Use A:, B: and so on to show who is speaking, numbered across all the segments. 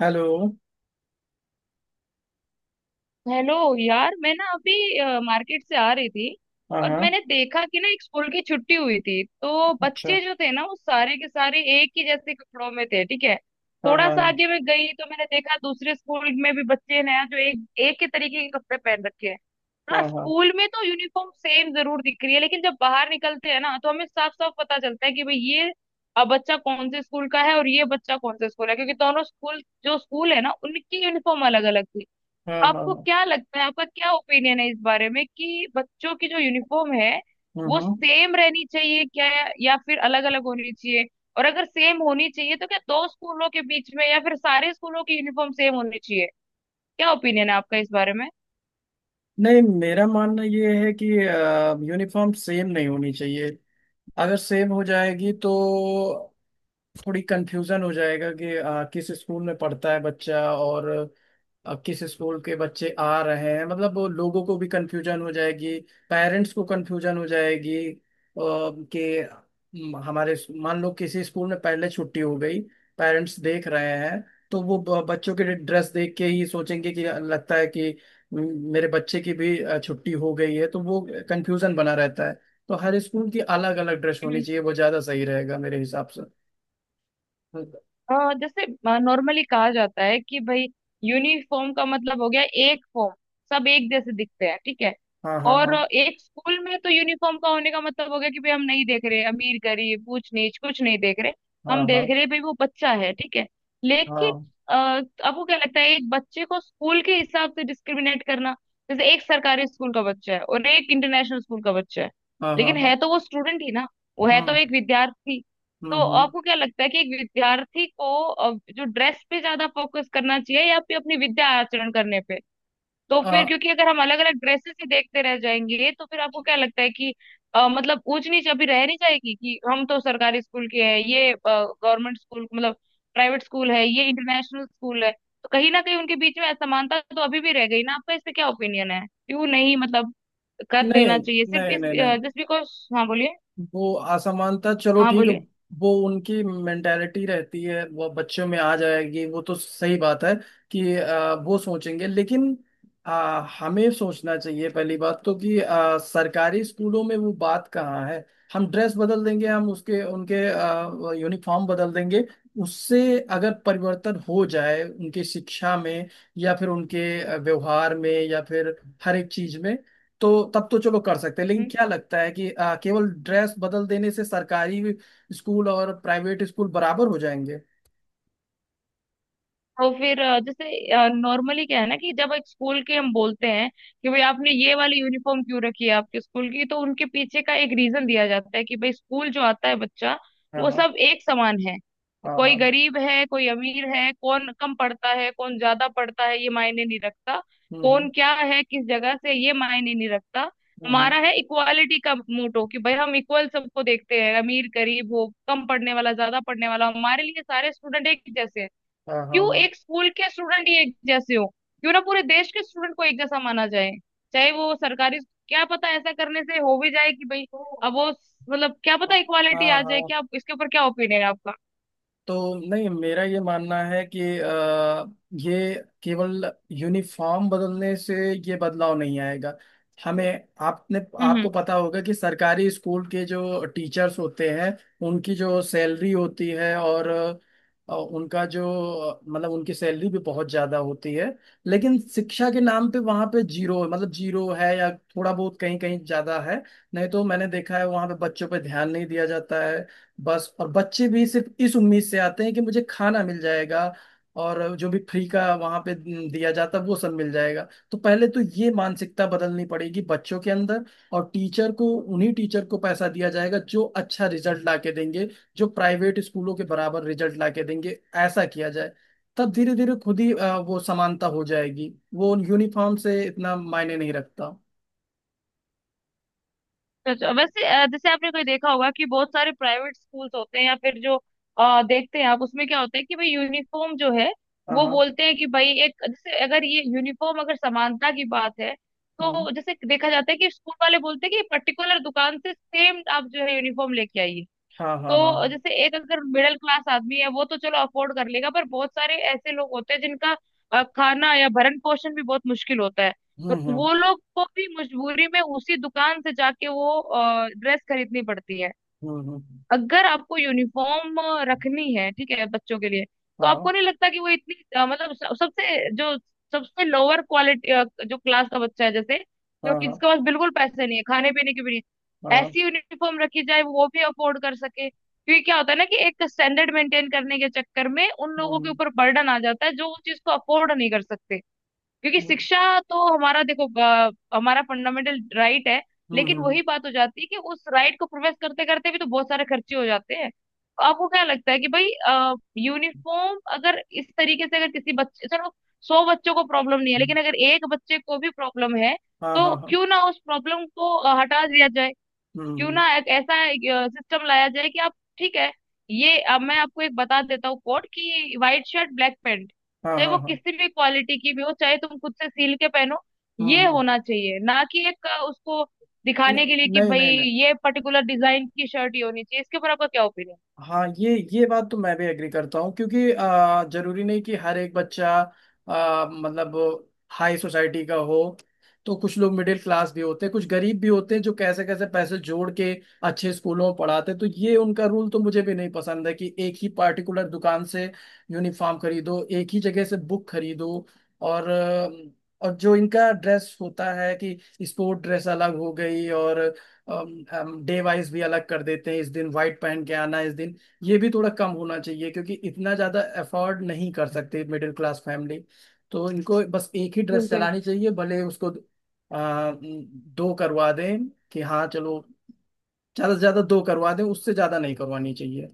A: Hello.
B: Hello यार। मैं ना अभी मार्केट से आ रही थी
A: हाँ
B: और
A: हाँ।
B: मैंने देखा कि ना एक स्कूल की छुट्टी हुई थी तो
A: अच्छा।
B: बच्चे जो थे ना वो सारे के सारे एक ही जैसे कपड़ों में थे, ठीक है।
A: हाँ
B: थोड़ा सा
A: हाँ।
B: आगे मैं गई तो मैंने देखा दूसरे स्कूल में भी बच्चे ने जो एक एक ही तरीके के कपड़े पहन रखे हैं।
A: हाँ
B: हाँ,
A: हाँ। हाँ
B: स्कूल में तो यूनिफॉर्म सेम जरूर दिख रही है, लेकिन जब बाहर निकलते हैं ना तो हमें साफ साफ पता चलता है कि भाई ये बच्चा कौन से स्कूल का है और ये बच्चा कौन से स्कूल है, क्योंकि दोनों स्कूल जो स्कूल है ना उनकी यूनिफॉर्म अलग अलग थी।
A: हाँ। हाँ
B: आपको
A: हाँ,
B: क्या लगता है, आपका क्या ओपिनियन है इस बारे में कि बच्चों की जो यूनिफॉर्म है
A: हम्म
B: वो
A: हम्म।
B: सेम रहनी चाहिए क्या, या फिर अलग अलग होनी चाहिए? और अगर सेम होनी चाहिए तो क्या दो स्कूलों के बीच में या फिर सारे स्कूलों की यूनिफॉर्म सेम होनी चाहिए? क्या ओपिनियन है आपका इस बारे
A: नहीं, मेरा मानना ये है कि यूनिफॉर्म सेम नहीं होनी चाहिए। अगर सेम हो जाएगी तो थोड़ी कंफ्यूजन हो जाएगा कि किस स्कूल में पढ़ता है बच्चा और अब किस स्कूल के बच्चे आ रहे हैं, मतलब वो लोगों को भी कंफ्यूजन हो जाएगी, पेरेंट्स को कंफ्यूजन हो जाएगी कि हमारे मान लो किसी स्कूल में पहले छुट्टी हो गई, पेरेंट्स देख रहे हैं तो वो बच्चों के ड्रेस देख के ही सोचेंगे कि लगता है कि म, मेरे बच्चे की भी छुट्टी हो गई है तो वो कंफ्यूजन बना रहता है। तो हर स्कूल की अलग अलग ड्रेस होनी
B: में?
A: चाहिए, वो ज्यादा सही रहेगा मेरे हिसाब से।
B: जैसे नॉर्मली कहा जाता है कि भाई यूनिफॉर्म का मतलब हो गया एक फॉर्म, सब एक जैसे दिखते हैं, ठीक है।
A: हाँ हाँ।
B: और
A: हाँ
B: एक स्कूल में तो यूनिफॉर्म का होने का मतलब हो गया कि भाई हम नहीं देख रहे अमीर गरीब ऊंच नीच, कुछ नहीं देख रहे।
A: हाँ
B: हम
A: हाँ।
B: देख रहे भाई वो बच्चा है, ठीक है। लेकिन
A: हाँ
B: आपको क्या लगता है, एक बच्चे को स्कूल के हिसाब से डिस्क्रिमिनेट करना, जैसे एक सरकारी स्कूल का बच्चा है और एक इंटरनेशनल स्कूल का बच्चा है,
A: हाँ हाँ। हाँ
B: लेकिन है
A: हाँ,
B: तो वो स्टूडेंट ही ना। वो है तो
A: हम्म
B: एक विद्यार्थी। तो
A: हम्म।
B: आपको क्या लगता है कि एक विद्यार्थी को जो ड्रेस पे ज्यादा फोकस करना चाहिए या फिर अपनी विद्या आचरण करने पे? तो फिर
A: आ,
B: क्योंकि अगर हम अलग अलग ड्रेसेस ही देखते रह जाएंगे तो फिर आपको क्या लगता है कि मतलब ऊंच नीच अभी रह नहीं जाएगी कि हम तो सरकारी स्कूल के हैं, ये गवर्नमेंट स्कूल, मतलब प्राइवेट स्कूल है, ये इंटरनेशनल स्कूल है। तो कहीं ना कहीं उनके बीच में असमानता तो अभी भी रह गई ना। आपका इस पे क्या ओपिनियन है? क्यों नहीं मतलब कर
A: नहीं
B: देना चाहिए सिर्फ
A: नहीं
B: इस
A: नहीं। नहीं,
B: जिस भी को। हाँ, बोलिए।
A: वो असमानता चलो
B: हाँ,
A: ठीक है।
B: बोलिए।
A: वो उनकी मेंटेलिटी रहती है, वो बच्चों में आ जाएगी, वो तो सही बात है कि वो सोचेंगे, लेकिन हमें सोचना चाहिए पहली बात तो कि सरकारी स्कूलों में वो बात कहाँ है। हम ड्रेस बदल देंगे, हम उसके उनके यूनिफॉर्म बदल देंगे। उससे अगर परिवर्तन हो जाए उनकी शिक्षा में, या फिर उनके व्यवहार में, या फिर हर एक चीज में, तो तब तो चलो कर सकते हैं। लेकिन
B: हम्म।
A: क्या लगता है कि केवल ड्रेस बदल देने से सरकारी स्कूल और प्राइवेट स्कूल बराबर हो जाएंगे?
B: तो फिर जैसे नॉर्मली क्या है ना कि जब एक स्कूल की हम बोलते हैं कि भाई आपने ये वाली यूनिफॉर्म क्यों रखी है आपके स्कूल की, तो उनके पीछे का एक रीजन दिया जाता है कि भाई स्कूल जो आता है बच्चा,
A: हाँ
B: वो
A: हाँ
B: सब एक समान है।
A: हाँ
B: कोई
A: हाँ।
B: गरीब है, कोई अमीर है, कौन कम पढ़ता है, कौन ज्यादा पढ़ता है, ये मायने नहीं रखता।
A: हम्म
B: कौन क्या है, किस जगह से, ये मायने नहीं रखता।
A: हम्म हम्म,
B: हमारा है इक्वालिटी का मोटो कि भाई हम इक्वल सबको देखते हैं। अमीर गरीब हो, कम पढ़ने वाला ज्यादा पढ़ने वाला, हमारे लिए सारे स्टूडेंट एक ही जैसे हैं।
A: हाँ हाँ
B: क्यों
A: हाँ।
B: एक स्कूल के स्टूडेंट ही एक जैसे हो? क्यों ना पूरे देश के स्टूडेंट को एक जैसा माना जाए, चाहे वो सरकारी। क्या पता ऐसा करने से हो भी जाए कि भाई अब वो मतलब, क्या
A: हाँ
B: पता इक्वालिटी
A: हाँ
B: आ जाए
A: हाँ।
B: क्या। इसके ऊपर क्या ओपिनियन है आपका?
A: तो नहीं, मेरा ये मानना है कि ये केवल यूनिफॉर्म बदलने से ये बदलाव नहीं आएगा। हमें आपने
B: हम्म, हम्म।
A: आपको पता होगा कि सरकारी स्कूल के जो टीचर्स होते हैं, उनकी जो सैलरी होती है, और उनका जो मतलब उनकी सैलरी भी बहुत ज्यादा होती है, लेकिन शिक्षा के नाम पे वहाँ पे जीरो, मतलब जीरो है, या थोड़ा बहुत कहीं कहीं ज्यादा है। नहीं तो मैंने देखा है, वहाँ पे बच्चों पे ध्यान नहीं दिया जाता है बस, और बच्चे भी सिर्फ इस उम्मीद से आते हैं कि मुझे खाना मिल जाएगा और जो भी फ्री का वहां पे दिया जाता है वो सब मिल जाएगा। तो पहले तो ये मानसिकता बदलनी पड़ेगी बच्चों के अंदर। और टीचर को, उन्हीं टीचर को पैसा दिया जाएगा जो अच्छा रिजल्ट ला के देंगे, जो प्राइवेट स्कूलों के बराबर रिजल्ट ला के देंगे। ऐसा किया जाए, तब धीरे धीरे खुद ही वो समानता हो जाएगी। वो यूनिफॉर्म से इतना मायने नहीं रखता।
B: अच्छा, वैसे जैसे आपने कोई देखा होगा कि बहुत सारे प्राइवेट स्कूल्स होते हैं, या फिर जो देखते हैं आप, उसमें क्या होता है कि भाई यूनिफॉर्म जो है,
A: हाँ
B: वो
A: हाँ
B: बोलते हैं कि भाई एक जैसे, अगर ये यूनिफॉर्म अगर समानता की बात है, तो जैसे देखा जाता है कि स्कूल वाले बोलते हैं कि पर्टिकुलर दुकान से सेम आप जो है यूनिफॉर्म लेके आइए।
A: हाँ। हाँ हाँ
B: तो
A: हाँ।
B: जैसे एक अगर मिडिल क्लास आदमी है वो तो चलो अफोर्ड कर लेगा, पर बहुत सारे ऐसे लोग होते हैं जिनका खाना या भरण पोषण भी बहुत मुश्किल होता है।
A: हम्म
B: तो
A: हम्म
B: वो लोग को भी मजबूरी में उसी दुकान से जाके वो ड्रेस खरीदनी पड़ती है।
A: हम्म हम्म,
B: अगर आपको यूनिफॉर्म रखनी है, ठीक है, बच्चों के लिए, तो
A: हाँ
B: आपको नहीं लगता कि वो इतनी मतलब सबसे जो सबसे लोअर क्वालिटी जो क्लास का बच्चा है जैसे, जो
A: हाँ
B: कि
A: हाँ
B: जिसके पास बिल्कुल पैसे नहीं है, खाने पीने की भी नहीं,
A: हाँ।
B: ऐसी यूनिफॉर्म रखी जाए वो भी अफोर्ड कर सके। क्योंकि क्या होता है ना कि एक स्टैंडर्ड मेंटेन करने के चक्कर में उन लोगों के
A: हम्म
B: ऊपर बर्डन आ जाता है जो उस चीज को अफोर्ड नहीं कर सकते। क्योंकि
A: हम्म
B: शिक्षा तो हमारा, देखो, हमारा फंडामेंटल राइट है।
A: हम्म,
B: लेकिन
A: हम्म,
B: वही बात हो जाती है कि उस राइट को प्रोफेस करते करते भी तो बहुत सारे खर्चे हो जाते हैं। तो आपको क्या लगता है कि भाई यूनिफॉर्म अगर इस तरीके से, अगर किसी बच्चे, चलो सौ बच्चों को प्रॉब्लम नहीं है, लेकिन अगर एक बच्चे को भी प्रॉब्लम है
A: हाँ
B: तो
A: हाँ हाँ।
B: क्यों ना उस प्रॉब्लम को हटा दिया जाए।
A: हम्म
B: क्यों
A: हम्म,
B: ना एक ऐसा सिस्टम लाया जाए कि आप, ठीक है, ये अब मैं आपको एक बता देता हूँ कोड कि व्हाइट शर्ट ब्लैक पैंट,
A: हाँ
B: चाहे
A: हाँ
B: वो
A: हाँ।
B: किसी भी क्वालिटी की भी हो, चाहे तुम खुद से सील के पहनो,
A: हम्म
B: ये
A: हम्म,
B: होना चाहिए ना, कि एक उसको
A: न-
B: दिखाने के लिए कि
A: नहीं
B: भाई
A: नहीं नहीं।
B: ये पर्टिकुलर डिजाइन की शर्ट ही होनी चाहिए। इसके ऊपर आपका क्या ओपिनियन?
A: हाँ, ये बात तो मैं भी एग्री करता हूँ, क्योंकि जरूरी नहीं कि हर एक बच्चा मतलब हाई सोसाइटी का हो। तो कुछ लोग मिडिल क्लास भी होते हैं, कुछ गरीब भी होते हैं, जो कैसे कैसे पैसे जोड़ के अच्छे स्कूलों में पढ़ाते हैं। तो ये उनका रूल तो मुझे भी नहीं पसंद है कि एक ही पार्टिकुलर दुकान से यूनिफॉर्म खरीदो, एक ही जगह से बुक खरीदो। और अ, और जो इनका ड्रेस होता है कि स्पोर्ट ड्रेस अलग हो गई, और हम डे वाइज भी अलग कर देते हैं, इस दिन व्हाइट पहन के आना, इस दिन— ये भी थोड़ा कम होना चाहिए, क्योंकि इतना ज्यादा अफोर्ड नहीं कर सकते मिडिल क्लास फैमिली। तो इनको बस एक ही ड्रेस चलानी चाहिए, भले उसको दो करवा दें कि हाँ चलो, ज्यादा से ज्यादा दो करवा दें, उससे ज्यादा नहीं करवानी चाहिए।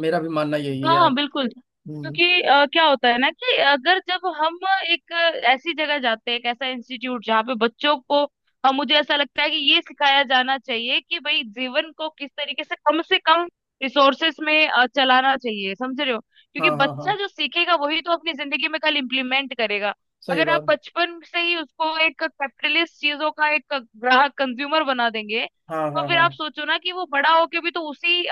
A: मेरा भी मानना यही
B: हाँ
A: है
B: हाँ,
A: आप।
B: बिल्कुल।
A: हम्म।
B: क्योंकि क्या होता है ना कि अगर जब हम एक ऐसी जगह जाते हैं, एक ऐसा इंस्टीट्यूट जहाँ पे बच्चों को मुझे ऐसा लगता है कि ये सिखाया जाना चाहिए कि भाई जीवन को किस तरीके से कम रिसोर्सेस में चलाना चाहिए, समझ रहे हो, क्योंकि
A: हाँ हाँ हाँ,
B: बच्चा जो सीखेगा वही तो अपनी जिंदगी में कल इम्प्लीमेंट करेगा।
A: सही
B: अगर आप
A: बात।
B: बचपन से ही उसको एक कैपिटलिस्ट चीजों का एक ग्राहक कंज्यूमर बना देंगे,
A: हाँ
B: तो
A: हाँ
B: फिर
A: हाँ।
B: आप सोचो ना कि वो बड़ा होके भी तो उसी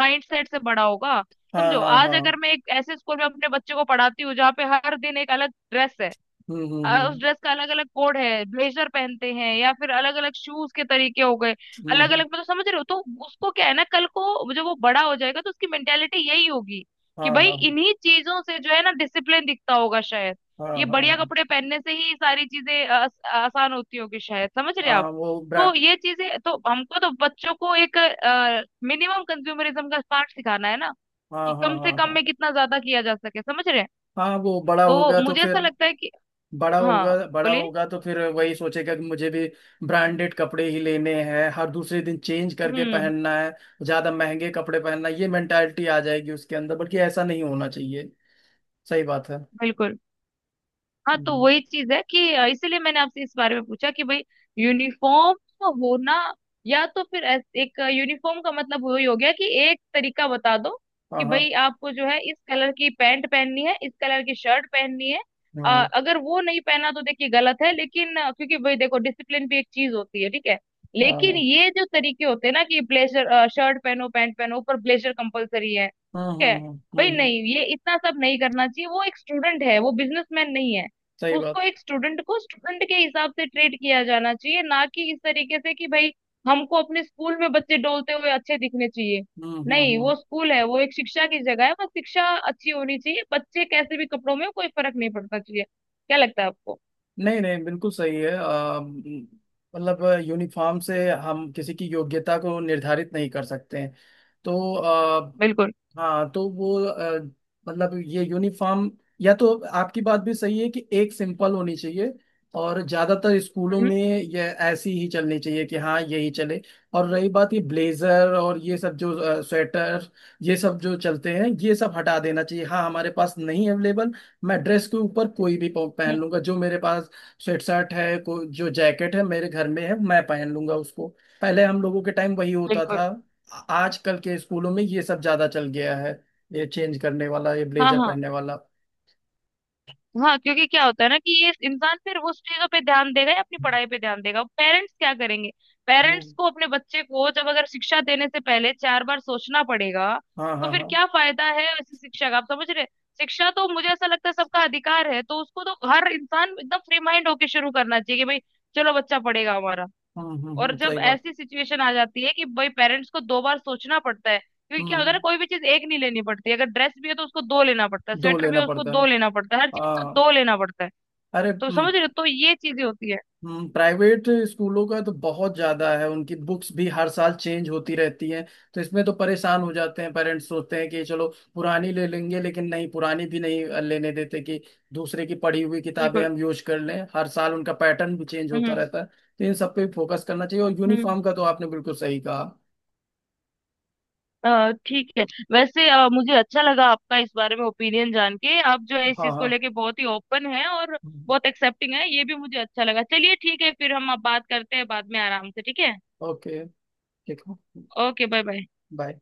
B: माइंड सेट से बड़ा होगा।
A: हाँ
B: समझो
A: हाँ
B: आज
A: हाँ।
B: अगर मैं एक ऐसे स्कूल में अपने बच्चे को पढ़ाती हूँ जहाँ पे हर दिन एक अलग ड्रेस है,
A: हम्म हम्म
B: उस
A: हम्म
B: ड्रेस का अलग अलग कोड है, ब्लेजर पहनते हैं, या फिर अलग अलग शूज के तरीके हो गए,
A: हम्म,
B: अलग
A: हम्म,
B: अलग, मतलब समझ रहे हो। तो उसको क्या है ना, कल को जब वो बड़ा हो जाएगा तो उसकी मेंटेलिटी यही होगी कि
A: हाँ
B: भाई
A: हाँ
B: इन्हीं चीजों से जो है ना डिसिप्लिन दिखता होगा शायद,
A: हाँ।
B: ये
A: हाँ
B: बढ़िया
A: हाँ
B: कपड़े पहनने से ही सारी चीजें आसान होती होगी शायद, समझ रहे
A: हाँ।
B: आप।
A: वो ब्रा
B: तो ये चीजें तो हमको तो बच्चों को एक मिनिमम कंज्यूमरिज्म का पाठ सिखाना है ना,
A: हाँ
B: कि
A: हाँ
B: कम से
A: हाँ
B: कम
A: हाँ
B: में कितना ज्यादा किया जा सके, समझ रहे हैं।
A: हाँ। वो बड़ा
B: तो
A: होगा तो
B: मुझे
A: फिर
B: ऐसा लगता है कि
A: बड़ा
B: हाँ
A: होगा बड़ा
B: बोलिए।
A: होगा तो फिर वही सोचेगा कि मुझे भी ब्रांडेड कपड़े ही लेने हैं, हर दूसरे दिन चेंज करके
B: हम्म।
A: पहनना है, ज्यादा महंगे कपड़े पहनना है। ये मेंटालिटी आ जाएगी उसके अंदर, बल्कि ऐसा नहीं होना चाहिए। सही बात है।
B: बिल्कुल। हाँ तो
A: हम्म,
B: वही चीज है कि इसीलिए मैंने आपसे इस बारे में पूछा कि भाई यूनिफॉर्म होना, या तो फिर एक यूनिफॉर्म का मतलब वही हो गया कि एक तरीका बता दो
A: हाँ
B: कि
A: हाँ
B: भाई आपको जो है इस कलर की पैंट पहननी है, इस कलर की शर्ट पहननी है। अ,
A: हाँ
B: अगर वो नहीं पहना तो देखिए गलत है, लेकिन क्योंकि भाई देखो डिसिप्लिन भी एक चीज होती है, ठीक है।
A: हाँ
B: लेकिन
A: हाँ
B: ये जो तरीके होते हैं ना कि ब्लेजर शर्ट पहनो पैंट पहनो ऊपर ब्लेजर कंपलसरी है,
A: हाँ,
B: ठीक
A: हाँ,
B: है
A: हाँ,
B: भाई, नहीं, ये इतना सब नहीं करना चाहिए। वो एक स्टूडेंट है, वो बिजनेसमैन नहीं है।
A: सही
B: उसको,
A: बात।
B: एक स्टूडेंट को स्टूडेंट के हिसाब से ट्रीट किया जाना चाहिए, ना कि इस तरीके से कि भाई हमको अपने स्कूल में बच्चे डोलते हुए अच्छे दिखने चाहिए।
A: हम्म हम्म
B: नहीं,
A: हम्म।
B: वो स्कूल है, वो एक शिक्षा की जगह है, बस शिक्षा अच्छी होनी चाहिए। बच्चे कैसे भी कपड़ों में हो, कोई फर्क नहीं पड़ता चाहिए। क्या लगता है आपको?
A: नहीं नहीं, बिल्कुल सही है। मतलब यूनिफॉर्म से हम किसी की योग्यता को निर्धारित नहीं कर सकते हैं, तो।
B: बिल्कुल।
A: हाँ, तो वो मतलब ये यूनिफॉर्म, या तो— आपकी बात भी सही है कि एक सिंपल होनी चाहिए, और ज्यादातर स्कूलों
B: हम्म,
A: में ये ऐसी ही चलनी चाहिए, कि हाँ यही चले। और रही बात ये ब्लेजर और ये सब जो स्वेटर, ये सब जो चलते हैं, ये सब हटा देना चाहिए। हाँ, हमारे पास नहीं अवेलेबल, मैं ड्रेस के ऊपर कोई भी पहन
B: हम्म,
A: लूंगा, जो मेरे पास स्वेट शर्ट है जो जैकेट है मेरे घर में है, मैं पहन लूंगा उसको। पहले हम लोगों के टाइम वही होता
B: बिल्कुल।
A: था, आजकल के स्कूलों में ये सब ज्यादा चल गया है, ये चेंज करने वाला, ये
B: हाँ
A: ब्लेजर
B: हाँ
A: पहनने वाला।
B: हाँ, क्योंकि क्या होता है ना कि ये इंसान फिर उस चीजों पे ध्यान देगा या अपनी पढ़ाई पे ध्यान देगा? पेरेंट्स क्या करेंगे? पेरेंट्स
A: हम्म,
B: को अपने बच्चे को जब अगर शिक्षा देने से पहले चार बार सोचना पड़ेगा,
A: हाँ
B: तो
A: हाँ
B: फिर
A: हाँ।
B: क्या फायदा है ऐसी शिक्षा का, आप समझ रहे हैं? शिक्षा तो मुझे ऐसा लगता है सबका अधिकार है, तो उसको तो हर इंसान एकदम फ्री माइंड होके शुरू करना चाहिए कि भाई चलो बच्चा पढ़ेगा हमारा। और
A: सही
B: जब
A: बात।
B: ऐसी सिचुएशन आ जाती है कि भाई पेरेंट्स को दो बार सोचना पड़ता है, क्योंकि क्या होता है ना,
A: हम्म,
B: कोई भी चीज एक नहीं लेनी पड़ती, अगर ड्रेस भी है तो उसको दो लेना पड़ता है,
A: दो
B: स्वेटर भी
A: लेना
B: है उसको
A: पड़ता है।
B: दो लेना पड़ता है, हर चीज का
A: हाँ।
B: दो लेना पड़ता है।
A: अरे।
B: तो समझ रहे हो, तो ये चीजें होती है।
A: प्राइवेट स्कूलों का तो बहुत ज्यादा है, उनकी बुक्स भी हर साल चेंज होती रहती हैं। तो इसमें तो परेशान हो जाते हैं पेरेंट्स, सोचते हैं कि चलो पुरानी ले लेंगे, लेकिन नहीं, पुरानी भी नहीं लेने देते, कि दूसरे की पढ़ी हुई किताबें
B: बिल्कुल।
A: हम यूज कर लें। हर साल उनका पैटर्न भी चेंज होता
B: हम्म,
A: रहता है, तो इन सब पे फोकस करना चाहिए। और
B: हम्म।
A: यूनिफॉर्म का तो आपने बिल्कुल सही कहा।
B: ठीक है। वैसे मुझे अच्छा लगा आपका इस बारे में ओपिनियन जान के। आप जो है इस
A: हाँ
B: चीज को
A: हाँ।
B: लेके बहुत ही ओपन है और बहुत एक्सेप्टिंग है, ये भी मुझे अच्छा लगा। चलिए ठीक है, फिर हम अब बात करते हैं बाद में आराम से, ठीक है।
A: ओके। ठीक है।
B: Okay, bye bye.
A: बाय।